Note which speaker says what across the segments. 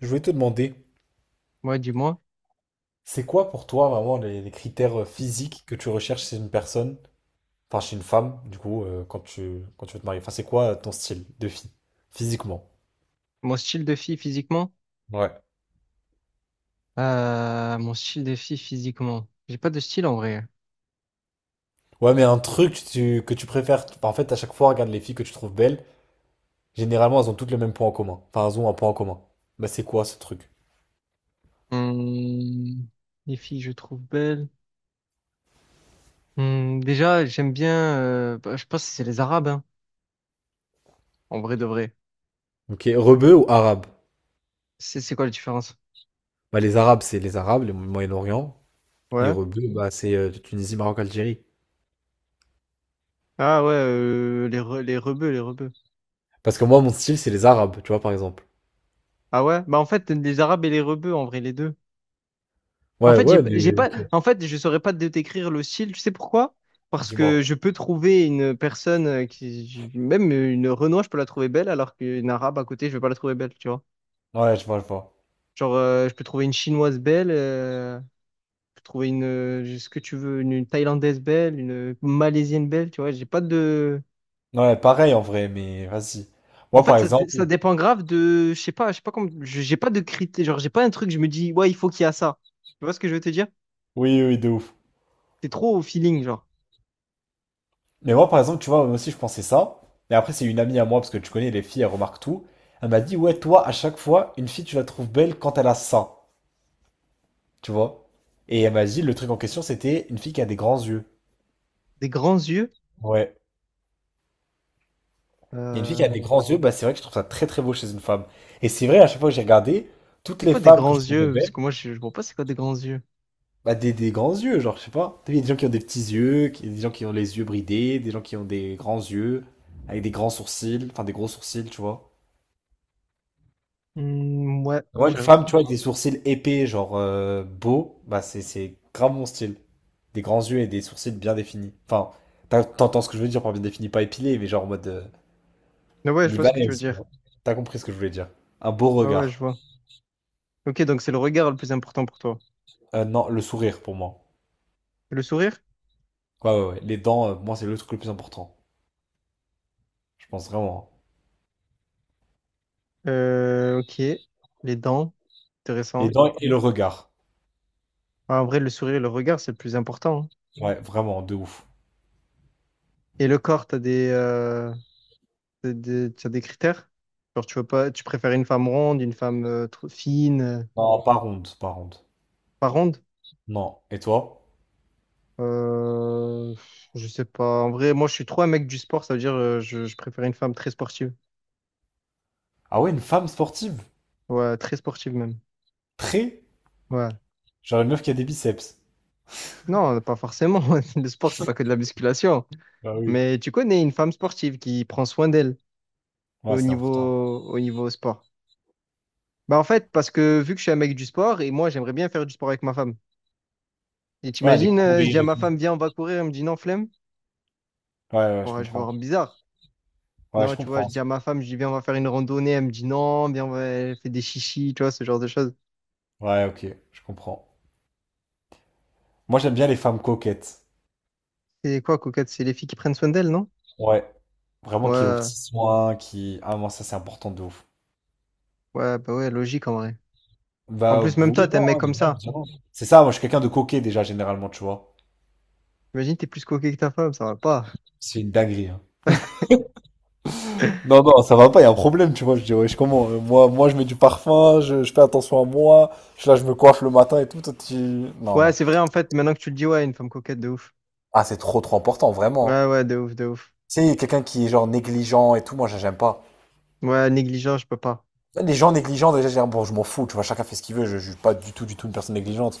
Speaker 1: Je voulais te demander,
Speaker 2: Ouais, dis-moi.
Speaker 1: c'est quoi pour toi vraiment les critères physiques que tu recherches chez une personne, enfin chez une femme, du coup, quand tu veux te marier? Enfin, c'est quoi ton style de fille, physiquement?
Speaker 2: Mon style de fille physiquement?
Speaker 1: Ouais.
Speaker 2: Mon style de fille physiquement. J'ai pas de style en vrai.
Speaker 1: Ouais, mais un truc que tu préfères, enfin, en fait, à chaque fois, regarde les filles que tu trouves belles, généralement, elles ont toutes le même point en commun. Enfin, elles ont un point en commun. Bah, c'est quoi ce truc?
Speaker 2: Hum, les filles, je trouve belles. Déjà, j'aime bien. Bah, je pense que c'est les Arabes, hein, en vrai de vrai.
Speaker 1: Ok, rebeu ou arabe?
Speaker 2: C'est quoi la différence?
Speaker 1: Bah, les arabes, c'est les arabes, le Moyen-Orient, et
Speaker 2: Ouais.
Speaker 1: rebeu, bah, c'est Tunisie, Maroc, Algérie.
Speaker 2: Ah ouais, les rebeux, les rebeux.
Speaker 1: Parce que moi, mon style, c'est les arabes, tu vois, par exemple.
Speaker 2: Ah ouais? Bah en fait, les Arabes et les rebeux, en vrai, les deux. En
Speaker 1: Ouais,
Speaker 2: fait, j'ai
Speaker 1: ouais,
Speaker 2: j'ai pas,
Speaker 1: ok.
Speaker 2: en fait, je saurais pas te décrire le style, tu sais pourquoi? Parce
Speaker 1: Dis-moi.
Speaker 2: que je peux trouver une personne qui, même une Renoir, je peux la trouver belle, alors qu'une Arabe à côté, je vais pas la trouver belle, tu vois.
Speaker 1: Ouais, je vois, je vois.
Speaker 2: Genre, je peux trouver une Chinoise belle, je peux trouver une, ce que tu veux, une Thaïlandaise belle, une Malaisienne belle, tu vois. J'ai pas de,
Speaker 1: Ouais, pareil en vrai, mais vas-y.
Speaker 2: en
Speaker 1: Moi, par
Speaker 2: fait, ça, dé-
Speaker 1: exemple,
Speaker 2: ça
Speaker 1: oui,
Speaker 2: dépend grave de, je sais pas comment, j'ai pas de critères, genre, j'ai pas un truc, je me dis, ouais, il faut qu'il y a ça. Tu vois ce que je veux te dire?
Speaker 1: oui, oui, de ouf.
Speaker 2: C'est trop au feeling, genre,
Speaker 1: Mais moi, par exemple, tu vois, moi aussi, je pensais ça. Mais après, c'est une amie à moi, parce que tu connais les filles, elles remarquent tout. Elle m'a dit, ouais, toi, à chaque fois, une fille, tu la trouves belle quand elle a ça. Tu vois? Et elle m'a dit, le truc en question, c'était une fille qui a des grands yeux.
Speaker 2: des grands yeux.
Speaker 1: Ouais. Et une fille qui a
Speaker 2: Euh,
Speaker 1: des grands yeux, bah, c'est vrai que je trouve ça très, très beau chez une femme. Et c'est vrai, à chaque fois que j'ai regardé, toutes
Speaker 2: C'est
Speaker 1: les
Speaker 2: quoi des
Speaker 1: femmes
Speaker 2: grands
Speaker 1: que je trouvais
Speaker 2: yeux? Parce
Speaker 1: belles.
Speaker 2: que moi, je vois pas c'est quoi des grands yeux.
Speaker 1: Bah, des grands yeux, genre, je sais pas. T'as vu, il y a des gens qui ont des petits yeux, des gens qui ont les yeux bridés, des gens qui ont des grands yeux, avec des grands sourcils, enfin des gros sourcils, tu vois.
Speaker 2: Hmm, ouais,
Speaker 1: Moi, une
Speaker 2: je...
Speaker 1: femme, tu vois, avec des sourcils épais, genre beaux, bah, c'est grave mon style. Des grands yeux et des sourcils bien définis. Enfin, t'entends ce que je veux dire par bien défini, pas épilé, mais genre en mode
Speaker 2: Mais ouais, je vois ce que tu veux
Speaker 1: libanaise, tu
Speaker 2: dire.
Speaker 1: vois. T'as compris ce que je voulais dire. Un beau
Speaker 2: Ouais, ouais, je
Speaker 1: regard.
Speaker 2: vois. Ok, donc c'est le regard le plus important pour toi.
Speaker 1: Non, le sourire pour moi.
Speaker 2: Le sourire?
Speaker 1: Ouais, ouais, ouais. Les dents, moi, c'est le truc le plus important. Je pense vraiment, hein.
Speaker 2: Ok. Les dents?
Speaker 1: Les
Speaker 2: Intéressant.
Speaker 1: dents et le regard.
Speaker 2: Ouais, en vrai, le sourire et le regard, c'est le plus important, hein.
Speaker 1: Ouais, vraiment, de ouf.
Speaker 2: Et le corps, t'as des critères? Genre, tu veux pas, tu préfères une femme ronde, une femme trop fine,
Speaker 1: Non, pas ronde, pas ronde.
Speaker 2: pas ronde?
Speaker 1: Non. Et toi?
Speaker 2: Euh, je sais pas. En vrai, moi, je suis trop un mec du sport, ça veut dire je préfère une femme très sportive.
Speaker 1: Ah ouais, une femme sportive?
Speaker 2: Ouais, très sportive même.
Speaker 1: Très?
Speaker 2: Ouais.
Speaker 1: Genre une meuf qui a des biceps.
Speaker 2: Non, pas forcément. Le sport, c'est pas que de la musculation.
Speaker 1: Bah oui.
Speaker 2: Mais tu connais une femme sportive qui prend soin d'elle
Speaker 1: Ouais,
Speaker 2: au
Speaker 1: c'est important.
Speaker 2: niveau, au niveau sport. Bah en fait, parce que vu que je suis un mec du sport, et moi, j'aimerais bien faire du sport avec ma femme. Et
Speaker 1: Ouais, les...
Speaker 2: t'imagines,
Speaker 1: ouais,
Speaker 2: je dis à ma femme, viens, on va courir. Elle me dit non, flemme.
Speaker 1: ouais, je
Speaker 2: Ouais, je vais
Speaker 1: comprends.
Speaker 2: voir bizarre.
Speaker 1: Ouais, je
Speaker 2: Non, tu vois, je
Speaker 1: comprends.
Speaker 2: dis à ma femme, je dis, viens, on va faire une randonnée. Elle me dit non, viens, on va elle fait des chichis, tu vois, ce genre de choses.
Speaker 1: Ouais, ok, je comprends. Moi, j'aime bien les femmes coquettes.
Speaker 2: C'est quoi, coquette? C'est les filles qui prennent soin d'elles, non?
Speaker 1: Ouais, vraiment qui est aux petits
Speaker 2: Ouais,
Speaker 1: soins, qui... Ah, moi, ça, c'est important de ouf.
Speaker 2: ouais, bah ouais, logique en vrai. En
Speaker 1: Bah,
Speaker 2: plus, même
Speaker 1: vous...
Speaker 2: toi,
Speaker 1: Oui
Speaker 2: t'es un
Speaker 1: non,
Speaker 2: mec
Speaker 1: hein, il
Speaker 2: comme
Speaker 1: y a bien,
Speaker 2: ça.
Speaker 1: il est bien. C'est ça, moi, je suis quelqu'un de coquet, déjà, généralement, tu vois.
Speaker 2: Imagine, t'es plus coquet que ta femme, ça va pas.
Speaker 1: C'est une dinguerie, hein. Non, non, ça va pas, il y a un problème, tu vois. Je dis, ouais, je comment? Moi, je mets du parfum, je fais attention à moi, là, je me coiffe le matin et tout. Toi, tu... Non,
Speaker 2: Ouais,
Speaker 1: non.
Speaker 2: c'est vrai, en fait, maintenant que tu le dis, ouais, une femme coquette, de ouf.
Speaker 1: Ah, c'est trop, trop important, vraiment,
Speaker 2: Ouais,
Speaker 1: hein.
Speaker 2: ouais, de ouf, de ouf.
Speaker 1: Tu sais, quelqu'un qui est genre négligent et tout, moi, j'aime pas.
Speaker 2: Ouais, négligent, je peux pas.
Speaker 1: Ouais, les gens négligents, déjà, je dis, bon, je m'en fous, tu vois, chacun fait ce qu'il veut, je suis pas du tout, du tout une personne négligente.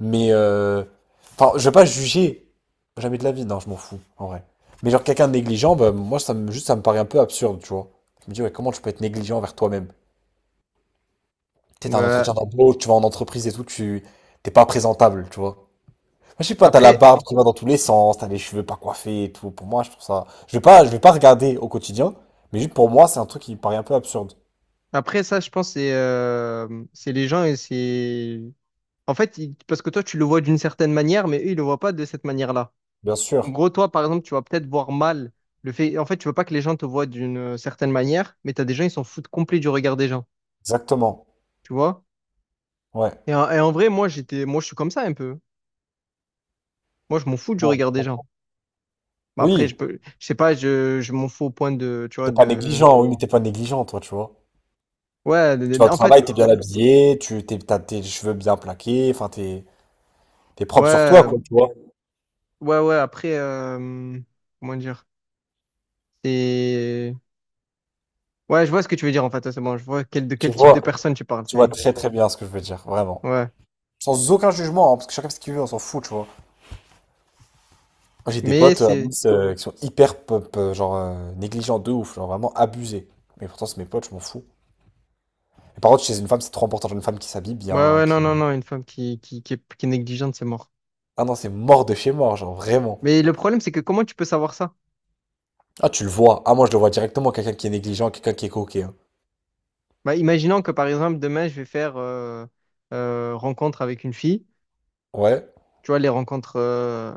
Speaker 1: Mais, enfin, je vais pas juger. Jamais de la vie, non, je m'en fous, en vrai. Mais genre, quelqu'un de négligent, bah, moi, ça me, juste, ça me paraît un peu absurde, tu vois. Je me dis, ouais, comment tu peux être négligent envers toi-même? Tu sais, t'as un
Speaker 2: Ouais.
Speaker 1: entretien d'embauche, tu vas en entreprise et tout, tu t'es pas présentable, tu vois. Moi, je sais pas, t'as la
Speaker 2: Après,
Speaker 1: barbe qui va dans tous les sens, t'as les cheveux pas coiffés et tout. Pour moi, je trouve ça. Je vais pas regarder au quotidien, mais juste pour moi, c'est un truc qui me paraît un peu absurde.
Speaker 2: après ça, je pense, c'est les gens et c'est... En fait, parce que toi, tu le vois d'une certaine manière, mais eux, ils le voient pas de cette manière-là.
Speaker 1: Bien
Speaker 2: En
Speaker 1: sûr,
Speaker 2: gros, toi, par exemple, tu vas peut-être voir mal le fait... En fait, tu veux pas que les gens te voient d'une certaine manière, mais t'as des gens, ils s'en foutent complet du regard des gens,
Speaker 1: exactement.
Speaker 2: tu vois?
Speaker 1: Ouais.
Speaker 2: Et en vrai, moi, j'étais... Moi, je suis comme ça, un peu. Moi, je m'en fous du regard des gens. Bah, après, je
Speaker 1: Oui,
Speaker 2: peux... Je sais pas, je m'en fous au point de, tu vois,
Speaker 1: t'es pas
Speaker 2: de...
Speaker 1: négligent, oui, mais t'es pas négligent, toi, tu vois.
Speaker 2: Ouais,
Speaker 1: Tu vas au
Speaker 2: en fait,
Speaker 1: travail, t'es bien habillé, t'as tes cheveux bien plaqués, enfin, t'es, t'es propre sur toi,
Speaker 2: ouais,
Speaker 1: quoi.
Speaker 2: ouais, ouais, après, comment dire? C'est... Ouais, je vois ce que tu veux dire, en fait, ouais, c'est bon, je vois quel, de
Speaker 1: Tu
Speaker 2: quel type de
Speaker 1: vois,
Speaker 2: personne tu parles,
Speaker 1: tu vois
Speaker 2: c'est...
Speaker 1: très très bien ce que je veux dire, vraiment.
Speaker 2: Ouais,
Speaker 1: Sans aucun jugement, hein, parce que chacun fait ce qu'il veut, on s'en fout, tu vois. Moi, j'ai des
Speaker 2: mais
Speaker 1: potes à
Speaker 2: c'est...
Speaker 1: Nice qui sont hyper pop, genre négligents de ouf, genre vraiment abusés. Mais pourtant, c'est mes potes, je m'en fous. Et par contre, chez une femme, c'est trop important. Genre une femme qui s'habille
Speaker 2: Ouais,
Speaker 1: bien,
Speaker 2: ouais, non,
Speaker 1: qui.
Speaker 2: non, non, une femme qui est négligente, c'est mort.
Speaker 1: Ah non, c'est mort de chez mort, genre vraiment.
Speaker 2: Mais le problème, c'est que comment tu peux savoir ça?
Speaker 1: Ah, tu le vois. Ah, moi, je le vois directement, quelqu'un qui est négligent, quelqu'un qui est coquet, hein.
Speaker 2: Bah, imaginons que, par exemple, demain, je vais faire rencontre avec une fille,
Speaker 1: Ouais,
Speaker 2: tu vois, les rencontres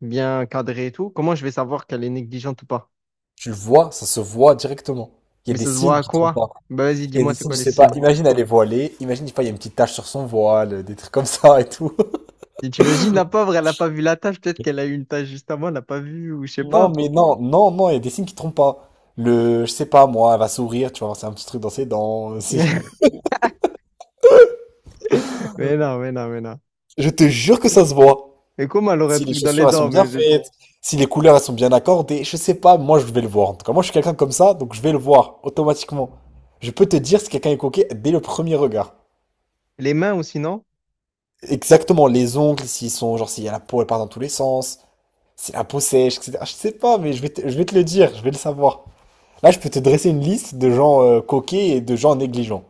Speaker 2: bien cadrées et tout, comment je vais savoir qu'elle est négligente ou pas?
Speaker 1: tu le vois, ça se voit directement. Il y a
Speaker 2: Mais
Speaker 1: des
Speaker 2: ça se voit
Speaker 1: signes
Speaker 2: à
Speaker 1: qui trompent
Speaker 2: quoi?
Speaker 1: pas.
Speaker 2: Bah, vas-y,
Speaker 1: Il y a
Speaker 2: dis-moi,
Speaker 1: des
Speaker 2: c'est
Speaker 1: signes,
Speaker 2: quoi
Speaker 1: je
Speaker 2: les
Speaker 1: sais pas,
Speaker 2: signes?
Speaker 1: imagine elle est voilée, imagine, je sais pas, il y a une petite tache sur son voile, des trucs comme ça et tout.
Speaker 2: Et t'imagines la pauvre, elle n'a pas vu la tâche, peut-être qu'elle a eu une tâche juste avant, elle n'a pas vu, ou je sais
Speaker 1: Non,
Speaker 2: pas.
Speaker 1: mais non, non, non, il y a des signes qui trompent pas. Le, je sais pas, moi, elle va sourire, tu vois, c'est un petit truc dans ses dents. Si...
Speaker 2: Mais non, mais non, mais non.
Speaker 1: Je te jure que ça se voit.
Speaker 2: Et comment elle aurait un
Speaker 1: Si les
Speaker 2: truc dans
Speaker 1: chaussures,
Speaker 2: les
Speaker 1: elles sont
Speaker 2: dents,
Speaker 1: bien faites, si les couleurs, elles sont bien accordées, je sais pas, moi, je vais le voir. En tout cas, moi, je suis quelqu'un comme ça, donc je vais le voir, automatiquement. Je peux te dire si quelqu'un est coquet dès le premier regard.
Speaker 2: les mains aussi, non?
Speaker 1: Exactement, les ongles, s'ils sont, genre, s'il y a la peau, elle part dans tous les sens, si la peau sèche, etc. Je sais pas, mais je vais te le dire, je vais le savoir. Là, je peux te dresser une liste de gens coquets et de gens négligents.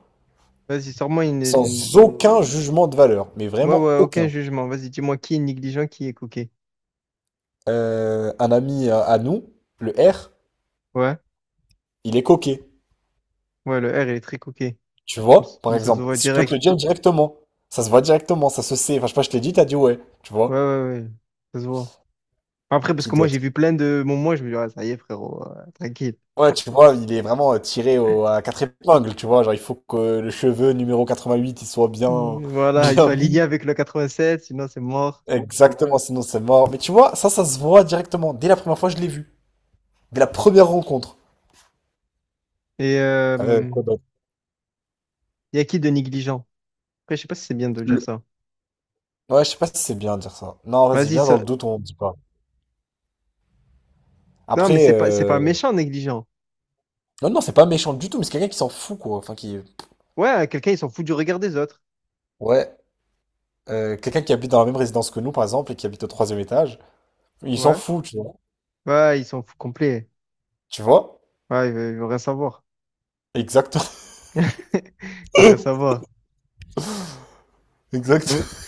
Speaker 2: Vas-y, sors-moi une
Speaker 1: Sans aucun jugement de valeur, mais
Speaker 2: Ouais,
Speaker 1: vraiment
Speaker 2: ouais, aucun
Speaker 1: aucun.
Speaker 2: jugement. Vas-y, dis-moi qui est négligent, qui est coquet.
Speaker 1: Un ami à nous, le R,
Speaker 2: Ouais,
Speaker 1: il est coquet.
Speaker 2: ouais, le R, il est très coquet.
Speaker 1: Tu
Speaker 2: Mais
Speaker 1: vois, par
Speaker 2: mais ça se
Speaker 1: exemple,
Speaker 2: voit
Speaker 1: si je peux te le
Speaker 2: direct.
Speaker 1: dire directement. Ça se voit directement, ça se sait. Enfin, je sais pas, je te l'ai dit, t'as dit ouais, tu vois.
Speaker 2: Ouais, ouais, ouais, ça se voit. Après, parce
Speaker 1: Qui
Speaker 2: que moi,
Speaker 1: d'autre?
Speaker 2: j'ai vu plein de moments, je me dis, ah, ça y est, frérot, tranquille.
Speaker 1: Ouais, tu vois, il est vraiment tiré à quatre épingles, tu vois. Genre, il faut que le cheveu numéro 88, il soit bien,
Speaker 2: Mm, voilà, ils
Speaker 1: bien
Speaker 2: sont alignés
Speaker 1: mis.
Speaker 2: avec le 87, sinon c'est mort.
Speaker 1: Exactement, sinon c'est mort. Mais tu vois, ça se voit directement. Dès la première fois, je l'ai vu. Dès la première rencontre.
Speaker 2: Et
Speaker 1: Quoi d'autre.
Speaker 2: il y a qui de négligent? Après, je sais pas si c'est bien de dire ça.
Speaker 1: Ouais, je sais pas si c'est bien de dire ça. Non, vas-y,
Speaker 2: Vas-y,
Speaker 1: viens dans
Speaker 2: ça...
Speaker 1: le doute, on dit pas.
Speaker 2: Non, mais
Speaker 1: Après,
Speaker 2: c'est pas, méchant, négligent.
Speaker 1: non, non, c'est pas méchant du tout, mais c'est quelqu'un qui s'en fout, quoi. Enfin, qui...
Speaker 2: Ouais, quelqu'un, il s'en fout du regard des autres.
Speaker 1: Ouais, quelqu'un qui habite dans la même résidence que nous, par exemple, et qui habite au troisième étage, il s'en
Speaker 2: Ouais.
Speaker 1: fout, tu vois.
Speaker 2: Ouais, ils s'en fout complet.
Speaker 1: Tu vois?
Speaker 2: Ouais, ils veulent il veut rien savoir.
Speaker 1: Exact.
Speaker 2: Ils veulent rien savoir. Mais,
Speaker 1: Exact.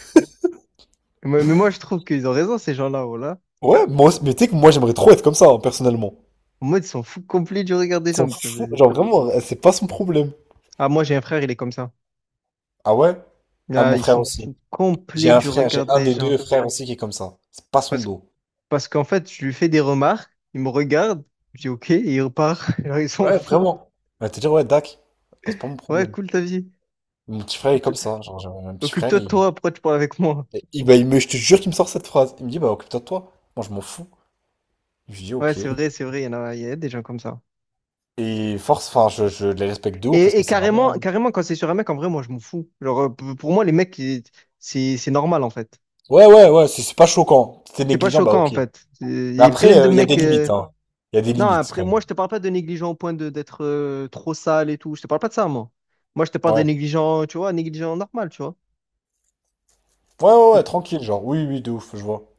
Speaker 2: mais moi, je trouve qu'ils ont raison, ces gens-là, oh là.
Speaker 1: Ouais, mais tu sais que moi, j'aimerais trop être comme ça, hein, personnellement.
Speaker 2: En mode, ils s'en foutent complet du regard des
Speaker 1: Il s'en
Speaker 2: gens. Ça,
Speaker 1: fout,
Speaker 2: c'est-
Speaker 1: genre vraiment, c'est pas son problème.
Speaker 2: Ah, moi, j'ai un frère, il est comme ça.
Speaker 1: Ah ouais? Ah,
Speaker 2: Ah,
Speaker 1: mon
Speaker 2: il
Speaker 1: frère
Speaker 2: s'en
Speaker 1: aussi.
Speaker 2: fout
Speaker 1: J'ai
Speaker 2: complet
Speaker 1: un
Speaker 2: du
Speaker 1: frère, j'ai
Speaker 2: regard
Speaker 1: un
Speaker 2: des
Speaker 1: des
Speaker 2: gens.
Speaker 1: deux frères aussi qui est comme ça. C'est pas son
Speaker 2: Parce,
Speaker 1: dos.
Speaker 2: parce qu'en fait, je lui fais des remarques, il me regarde, je dis OK, et il repart. Alors, il s'en
Speaker 1: Ouais,
Speaker 2: fout.
Speaker 1: vraiment. On va te dire, ouais, Dak, ah, c'est pas mon
Speaker 2: Ouais,
Speaker 1: problème.
Speaker 2: cool ta vie.
Speaker 1: Mon petit frère
Speaker 2: Tu
Speaker 1: est
Speaker 2: te-
Speaker 1: comme ça. Genre, mon petit frère,
Speaker 2: Occupe-toi de toi, pourquoi tu parles avec moi?
Speaker 1: bah, je te jure qu'il me sort cette phrase. Il me dit, bah, occupe-toi de toi. Moi, je m'en fous. Je lui dis,
Speaker 2: Ouais,
Speaker 1: ok.
Speaker 2: c'est vrai, il y en a, il y a des gens comme ça.
Speaker 1: Et force, enfin, je les respecte de ouf parce
Speaker 2: Et,
Speaker 1: que
Speaker 2: et
Speaker 1: c'est
Speaker 2: carrément,
Speaker 1: vraiment.
Speaker 2: carrément, quand c'est sur un mec, en vrai, moi, je m'en fous. Genre, pour moi, les mecs, c'est normal, en fait.
Speaker 1: Ouais, ouais, ouais, c'est pas choquant. Si t'es
Speaker 2: C'est pas
Speaker 1: négligent, bah,
Speaker 2: choquant,
Speaker 1: ok.
Speaker 2: en
Speaker 1: Mais
Speaker 2: fait. Il y a
Speaker 1: après,
Speaker 2: plein de
Speaker 1: il y a des
Speaker 2: mecs.
Speaker 1: limites, hein. Il y a des
Speaker 2: Non,
Speaker 1: limites,
Speaker 2: après,
Speaker 1: quand même.
Speaker 2: moi, je te parle pas de négligent au point de d'être trop sale et tout. Je te parle pas de ça, moi. Moi, je te parle de
Speaker 1: Ouais.
Speaker 2: négligent, tu vois, négligent normal, tu vois.
Speaker 1: Ouais, ouais, ouais,
Speaker 2: Et-
Speaker 1: tranquille, genre, oui, oui, de ouf, je vois.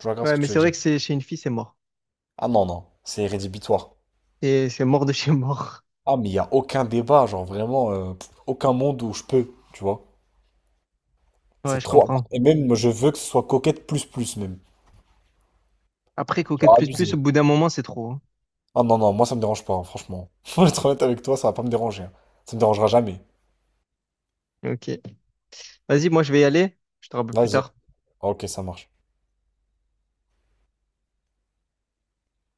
Speaker 1: Je vois grave ce
Speaker 2: Ouais,
Speaker 1: que
Speaker 2: mais
Speaker 1: tu veux
Speaker 2: c'est vrai
Speaker 1: dire.
Speaker 2: que c'est chez une fille, c'est mort.
Speaker 1: Ah non, non, c'est rédhibitoire.
Speaker 2: Et c'est mort de chez mort.
Speaker 1: Ah, mais il y a aucun débat, genre, vraiment, pff, aucun monde où je peux, tu vois.
Speaker 2: Ouais,
Speaker 1: C'est
Speaker 2: je
Speaker 1: trop important.
Speaker 2: comprends.
Speaker 1: Et même, moi, je veux que ce soit coquette plus, plus, même.
Speaker 2: Après, coquette
Speaker 1: Genre,
Speaker 2: plus plus, au
Speaker 1: abusé.
Speaker 2: bout d'un moment, c'est trop, hein.
Speaker 1: Ah non, non, moi ça me dérange pas, hein, franchement. Faut être honnête avec toi, ça va pas me déranger, hein. Ça me dérangera jamais.
Speaker 2: Ok. Vas-y, moi, je vais y aller. Je te rappelle plus
Speaker 1: Vas-y.
Speaker 2: tard.
Speaker 1: Ok, ça marche.